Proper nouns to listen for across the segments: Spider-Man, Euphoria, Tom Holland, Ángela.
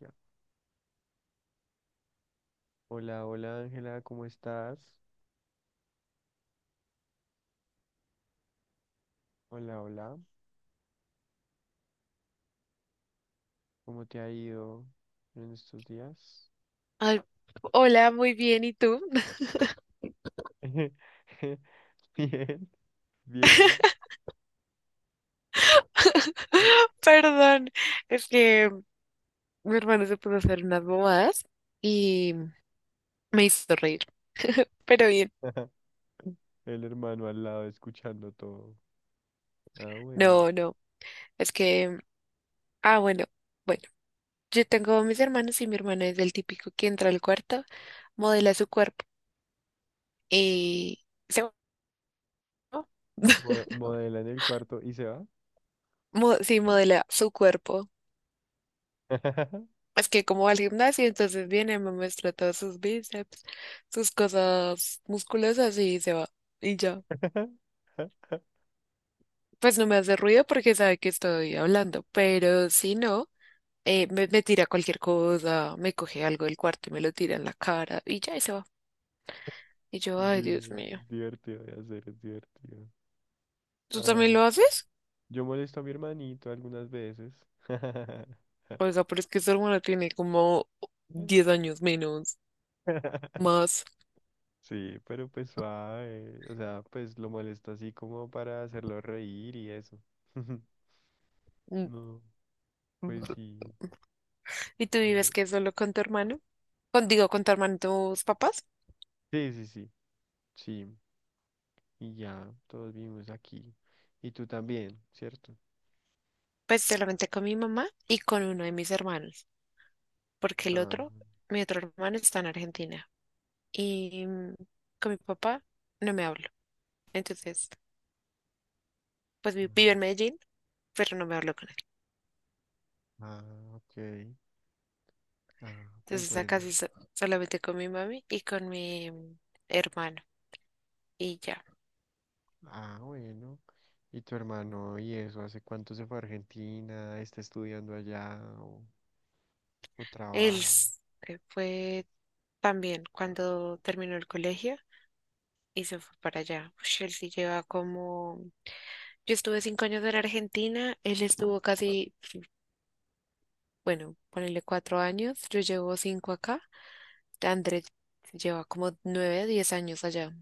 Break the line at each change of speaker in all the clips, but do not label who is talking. Ya. Hola, hola Ángela, ¿cómo estás? Hola, hola, ¿cómo te ha ido en estos días?
Ay, hola, muy bien, ¿y tú?
Bien, bien, bien.
Perdón, es que mi hermano se puso a hacer unas bobadas y me hizo reír, pero bien.
El hermano al lado escuchando todo. Ah, bueno.
No, no, es que, ah, bueno, bueno, yo tengo mis hermanos y mi hermana es del típico que entra al cuarto, modela su cuerpo y se...
Mo- modela en el cuarto y se va.
Sí, modela su cuerpo. Es que como va al gimnasio, entonces viene, me muestra todos sus bíceps, sus cosas musculosas y se va. Y ya. Pues no me hace ruido porque sabe que estoy hablando, pero si no, me tira cualquier cosa, me coge algo del cuarto y me lo tira en la cara y ya y se va. Y yo, ay,
Sí,
Dios mío.
es divertido de hacer, es divertido.
¿Tú también
Ay,
lo haces?
yo molesto a mi hermanito algunas veces.
O sea, pero es que su hermana tiene como 10 años menos, más.
Sí, pero pues suave. O sea, pues lo molesta así como para hacerlo reír y eso.
Mm.
No, pues
Mm.
sí.
¿Y tú vives
eh,
que solo con tu hermano? Con, digo, con tu hermano y tus papás.
sí, sí, sí. Sí. Y ya, todos vivimos aquí. Y tú también, ¿cierto?
Pues solamente con mi mamá y con uno de mis hermanos, porque el
Ah,
otro, mi otro hermano está en Argentina. Y con mi papá no me habla. Entonces, pues
ah,
vive en Medellín, pero no me hablo con él.
ah, ok. Ah, pues
Entonces, acá
bueno.
sí solamente con mi mami y con mi hermano. Y ya.
Ah, bueno. ¿Y tu hermano y eso? ¿Hace cuánto se fue a Argentina? ¿Está estudiando allá o
Él
trabaja?
fue también cuando terminó el colegio y se fue para allá. Ush, él sí lleva como... Yo estuve 5 años en Argentina, él estuvo casi, bueno, ponele 4 años, yo llevo cinco acá. Andrés lleva como 9, 10 años allá.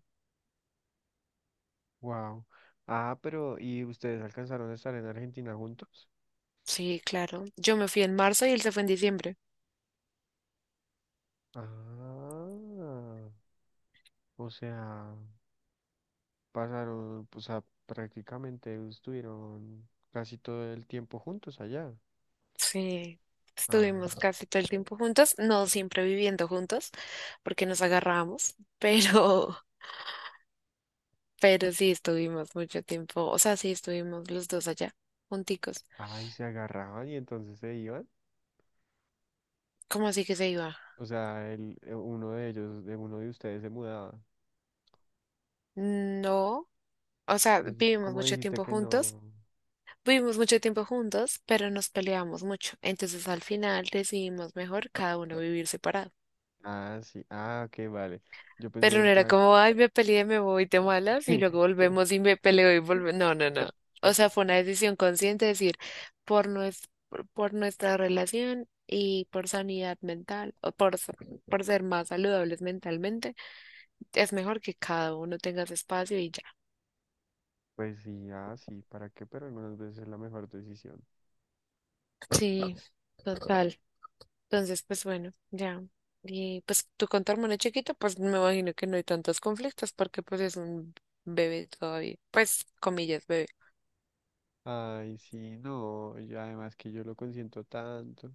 Wow. Ah, pero ¿y ustedes alcanzaron a estar en Argentina juntos?
Sí, claro. Yo me fui en marzo y él se fue en diciembre.
Ah, o sea, pasaron, o sea, prácticamente estuvieron casi todo el tiempo juntos allá.
Sí,
Ah,
estuvimos casi todo el tiempo juntos, no siempre viviendo juntos, porque nos agarramos, pero sí estuvimos mucho tiempo, o sea, sí estuvimos los dos allá, junticos.
ay, se agarraban y entonces se iban.
¿Cómo así que se iba?
O sea, el, uno de ellos, de uno de ustedes se mudaba.
No, o sea,
Pues,
vivimos
¿cómo
mucho
dijiste
tiempo
que
juntos,
no?
vivimos mucho tiempo juntos, pero nos peleamos mucho. Entonces al final decidimos mejor cada uno vivir separado.
Ah, sí, ah, ok, vale. Yo pensé
Pero no
en
era
plan,
como, ay, me peleé, me voy, te malas, y luego volvemos y me peleo y volvemos. No, no, no. O sea, fue una decisión consciente, es decir, por nuestra relación y por sanidad mental, o por ser más saludables mentalmente, es mejor que cada uno tenga su espacio y ya.
pues sí, ah, sí, ¿para qué? Pero algunas veces es la mejor decisión. Sí.
Sí, total. Entonces, pues bueno, ya. Y pues tú con tu hermano chiquito, pues me imagino que no hay tantos conflictos porque pues es un bebé todavía. Pues, comillas, bebé.
Ay, sí, no, y además que yo lo consiento tanto.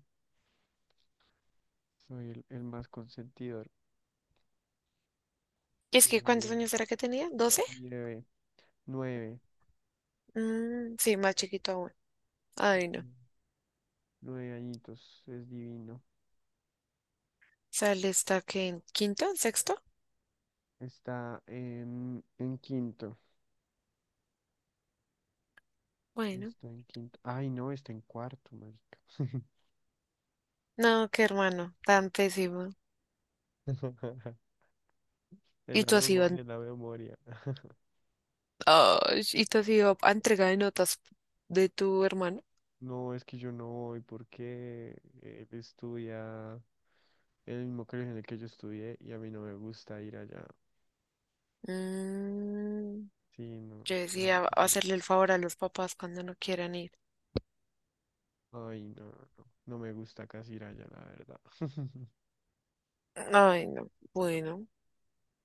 Soy el más consentidor.
Es
Es
que,
mi
¿cuántos
bebé,
años era que tenía? 12.
mi bebé. Nueve.
Mm, sí, más chiquito aún. Ay,
Ujú.
no.
Nueve añitos. Es divino.
Sale, está que en quinto, sexto.
Está en quinto.
Bueno,
Está en quinto. Ay, no, está en cuarto, marica.
no, qué hermano, tan pésimo.
En
Y
la
tú has ido,
memoria, en la memoria.
ay, y tú has ido a entrega de notas de tu hermano.
No, es que yo no voy porque él estudia en el mismo colegio en el que yo estudié y a mí no me gusta ir allá.
Mm,
Sí, no,
yo
me da
decía
mucha pereza.
hacerle el favor a los papás cuando no quieran ir.
Ay, no, no, no me gusta casi ir allá, la verdad.
Ay, no, bueno,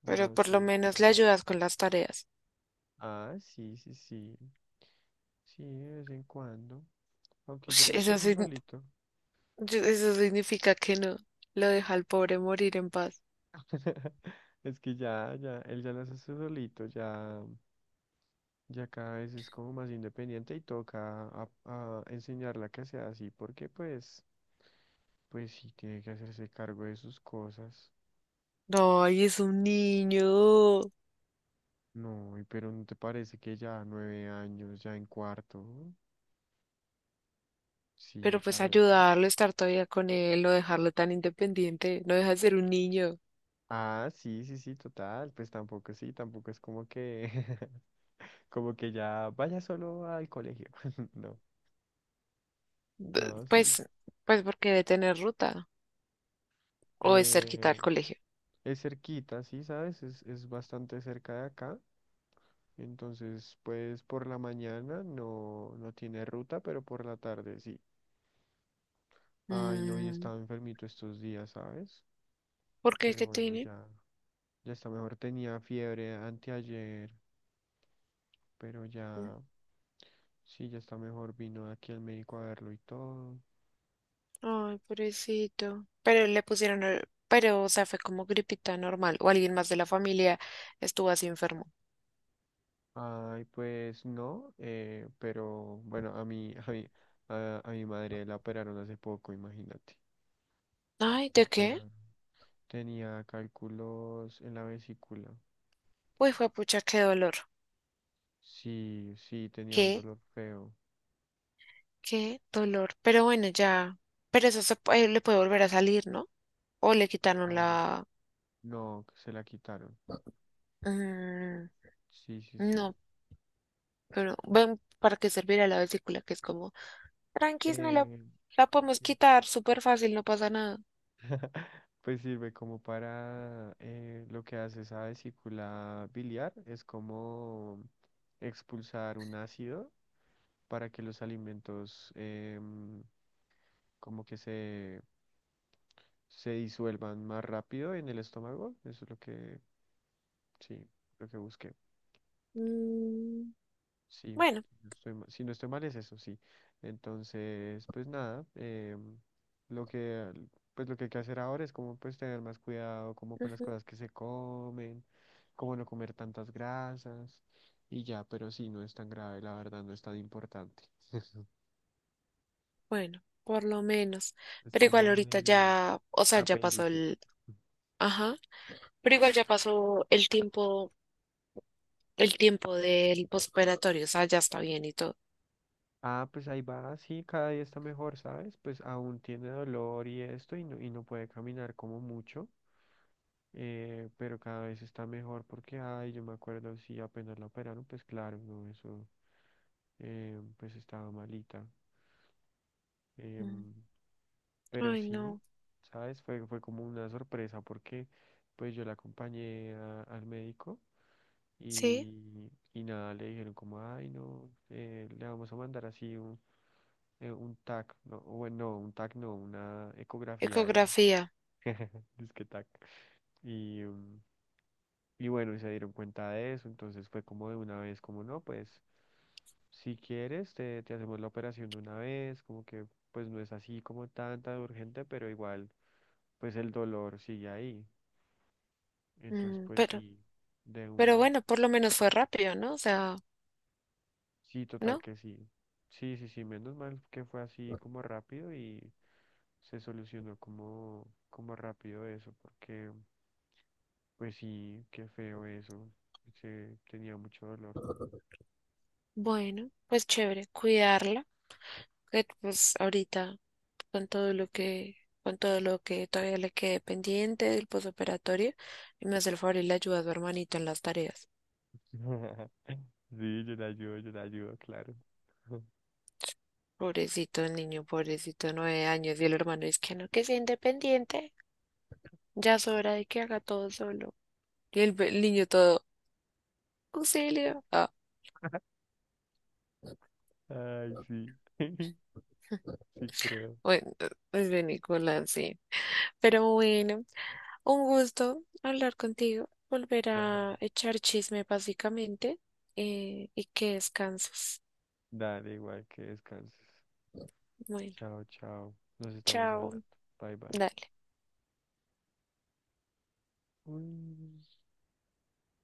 pero
No,
por lo
sí.
menos le ayudas con las tareas.
Ah, sí, sí, sí. Sí, de vez en cuando. Aunque ya
Ush.
las
Eso,
hace
sign-
solito.
yo- eso significa que no, lo deja al pobre morir en paz.
Es que ya, ya, él ya las hace solito, ya, ya cada vez es como más independiente y toca a enseñarla que sea así, porque pues, pues sí tiene que hacerse cargo de sus cosas.
Ay, es un niño.
No, y pero ¿no te parece que ya nueve años, ya en cuarto? Sí,
Pero
a
pues
eso.
ayudarlo, estar todavía con él, no dejarlo tan independiente, no deja de ser un niño.
Ah, sí, sí, sí, total. Pues tampoco sí, tampoco es como que como que ya vaya solo al colegio. No, no, sí.
Pues, pues porque debe tener ruta o es cerquita al
Eh,
colegio.
es cerquita, sí, ¿sabes? Es bastante cerca de acá. Entonces, pues por la mañana no, no tiene ruta, pero por la tarde sí. Ay, no, y
Mm,
estaba enfermito estos días, ¿sabes?
¿por qué
Pero
que
bueno,
tiene?
ya, ya está mejor. Tenía fiebre anteayer, pero
Mm.
ya, sí, ya está mejor. Vino aquí el médico a verlo y todo.
Ay, pobrecito. Pero le pusieron, pero o sea, fue como gripita normal o alguien más de la familia estuvo así enfermo.
Ay, pues no, pero bueno, a mi, a mi madre la operaron hace poco, imagínate.
Ay,
La
¿de qué?
operaron. Tenía cálculos en la vesícula.
Uy, fue pucha, qué dolor.
Sí, sí, tenía un
¿Qué?
dolor feo.
¿Qué dolor? Pero bueno, ya. Pero eso se, le puede volver a salir, ¿no? O le quitaron
Ah,
la...
no, que se la quitaron.
Mm,
Sí, sí, sí.
no, pero ven para qué servirá la vesícula, que es como, tranquis, no la,
Eh,
la podemos
sir-
quitar súper fácil, no pasa nada.
pues sirve como para lo que hace esa vesícula biliar, es como expulsar un ácido para que los alimentos como que se disuelvan más rápido en el estómago. Eso es lo que, sí, lo que busqué.
Mm.
Sí,
Bueno.
no estoy ma- si no estoy mal es eso, sí. Entonces, pues nada, lo que, pues lo que hay que hacer ahora es como pues tener más cuidado como con las
Ujú,
cosas que se comen, como no comer tantas grasas y ya, pero sí, no es tan grave, la verdad, no es tan importante.
bueno, por lo menos.
Es
Pero igual
como
ahorita
el,
ya, o sea, ya pasó
apéndice.
el... Ajá, pero igual ya pasó el tiempo del postoperatorio, o sea, ya está bien y todo.
Ah, pues ahí va, sí, cada día está mejor, ¿sabes? Pues aún tiene dolor y esto y no puede caminar como mucho, pero cada vez está mejor porque, ay, yo me acuerdo, sí, apenas la operaron, pues claro, no, eso, pues estaba malita.
Mm.
em, pero
Ay,
sí,
no.
¿sabes? Fue, fue como una sorpresa porque pues yo la acompañé a- al médico
Sí,
y nada, le dijeron como, ay, no, le vamos a mandar así un TAC, no, bueno, no, un TAC no, una ecografía era.
ecografía.
Disque TAC. Y, mm, y bueno, y se dieron cuenta de eso, entonces fue como de una vez, como no, pues si quieres, te hacemos la operación de una vez, como que pues no es así como tanta de urgente, pero igual, pues el dolor sigue ahí. Entonces,
Mm,
pues sí, de
pero
una.
bueno, por lo menos fue rápido, ¿no? O sea,
Sí, total
¿no?
que sí. Sí, sí, sí, menos mal que fue así como rápido y se solucionó como, como rápido eso, porque... Pues sí, qué feo eso. Se tenía mucho dolor.
Bueno, pues chévere, cuidarla, que pues ahorita. Con todo lo que, con todo lo que todavía le quede pendiente del posoperatorio y me hace el favor y le ayuda a su hermanito en las tareas.
Sí, yo la ayudo, claro.
Pobrecito el niño, pobrecito, 9 años y el hermano es que no, que sea independiente, ya es hora de que haga todo solo. Y el niño todo, auxilio. Ah,
Ay, sí. Sí creo.
bueno, es de Nicolás, sí. Pero bueno, un gusto hablar contigo, volver
Dale.
a echar chisme básicamente y que descanses.
Dale, igual que descanses.
Bueno,
Chao, chao. Nos estamos
chao.
hablando. Bye, bye.
Dale.
Uy.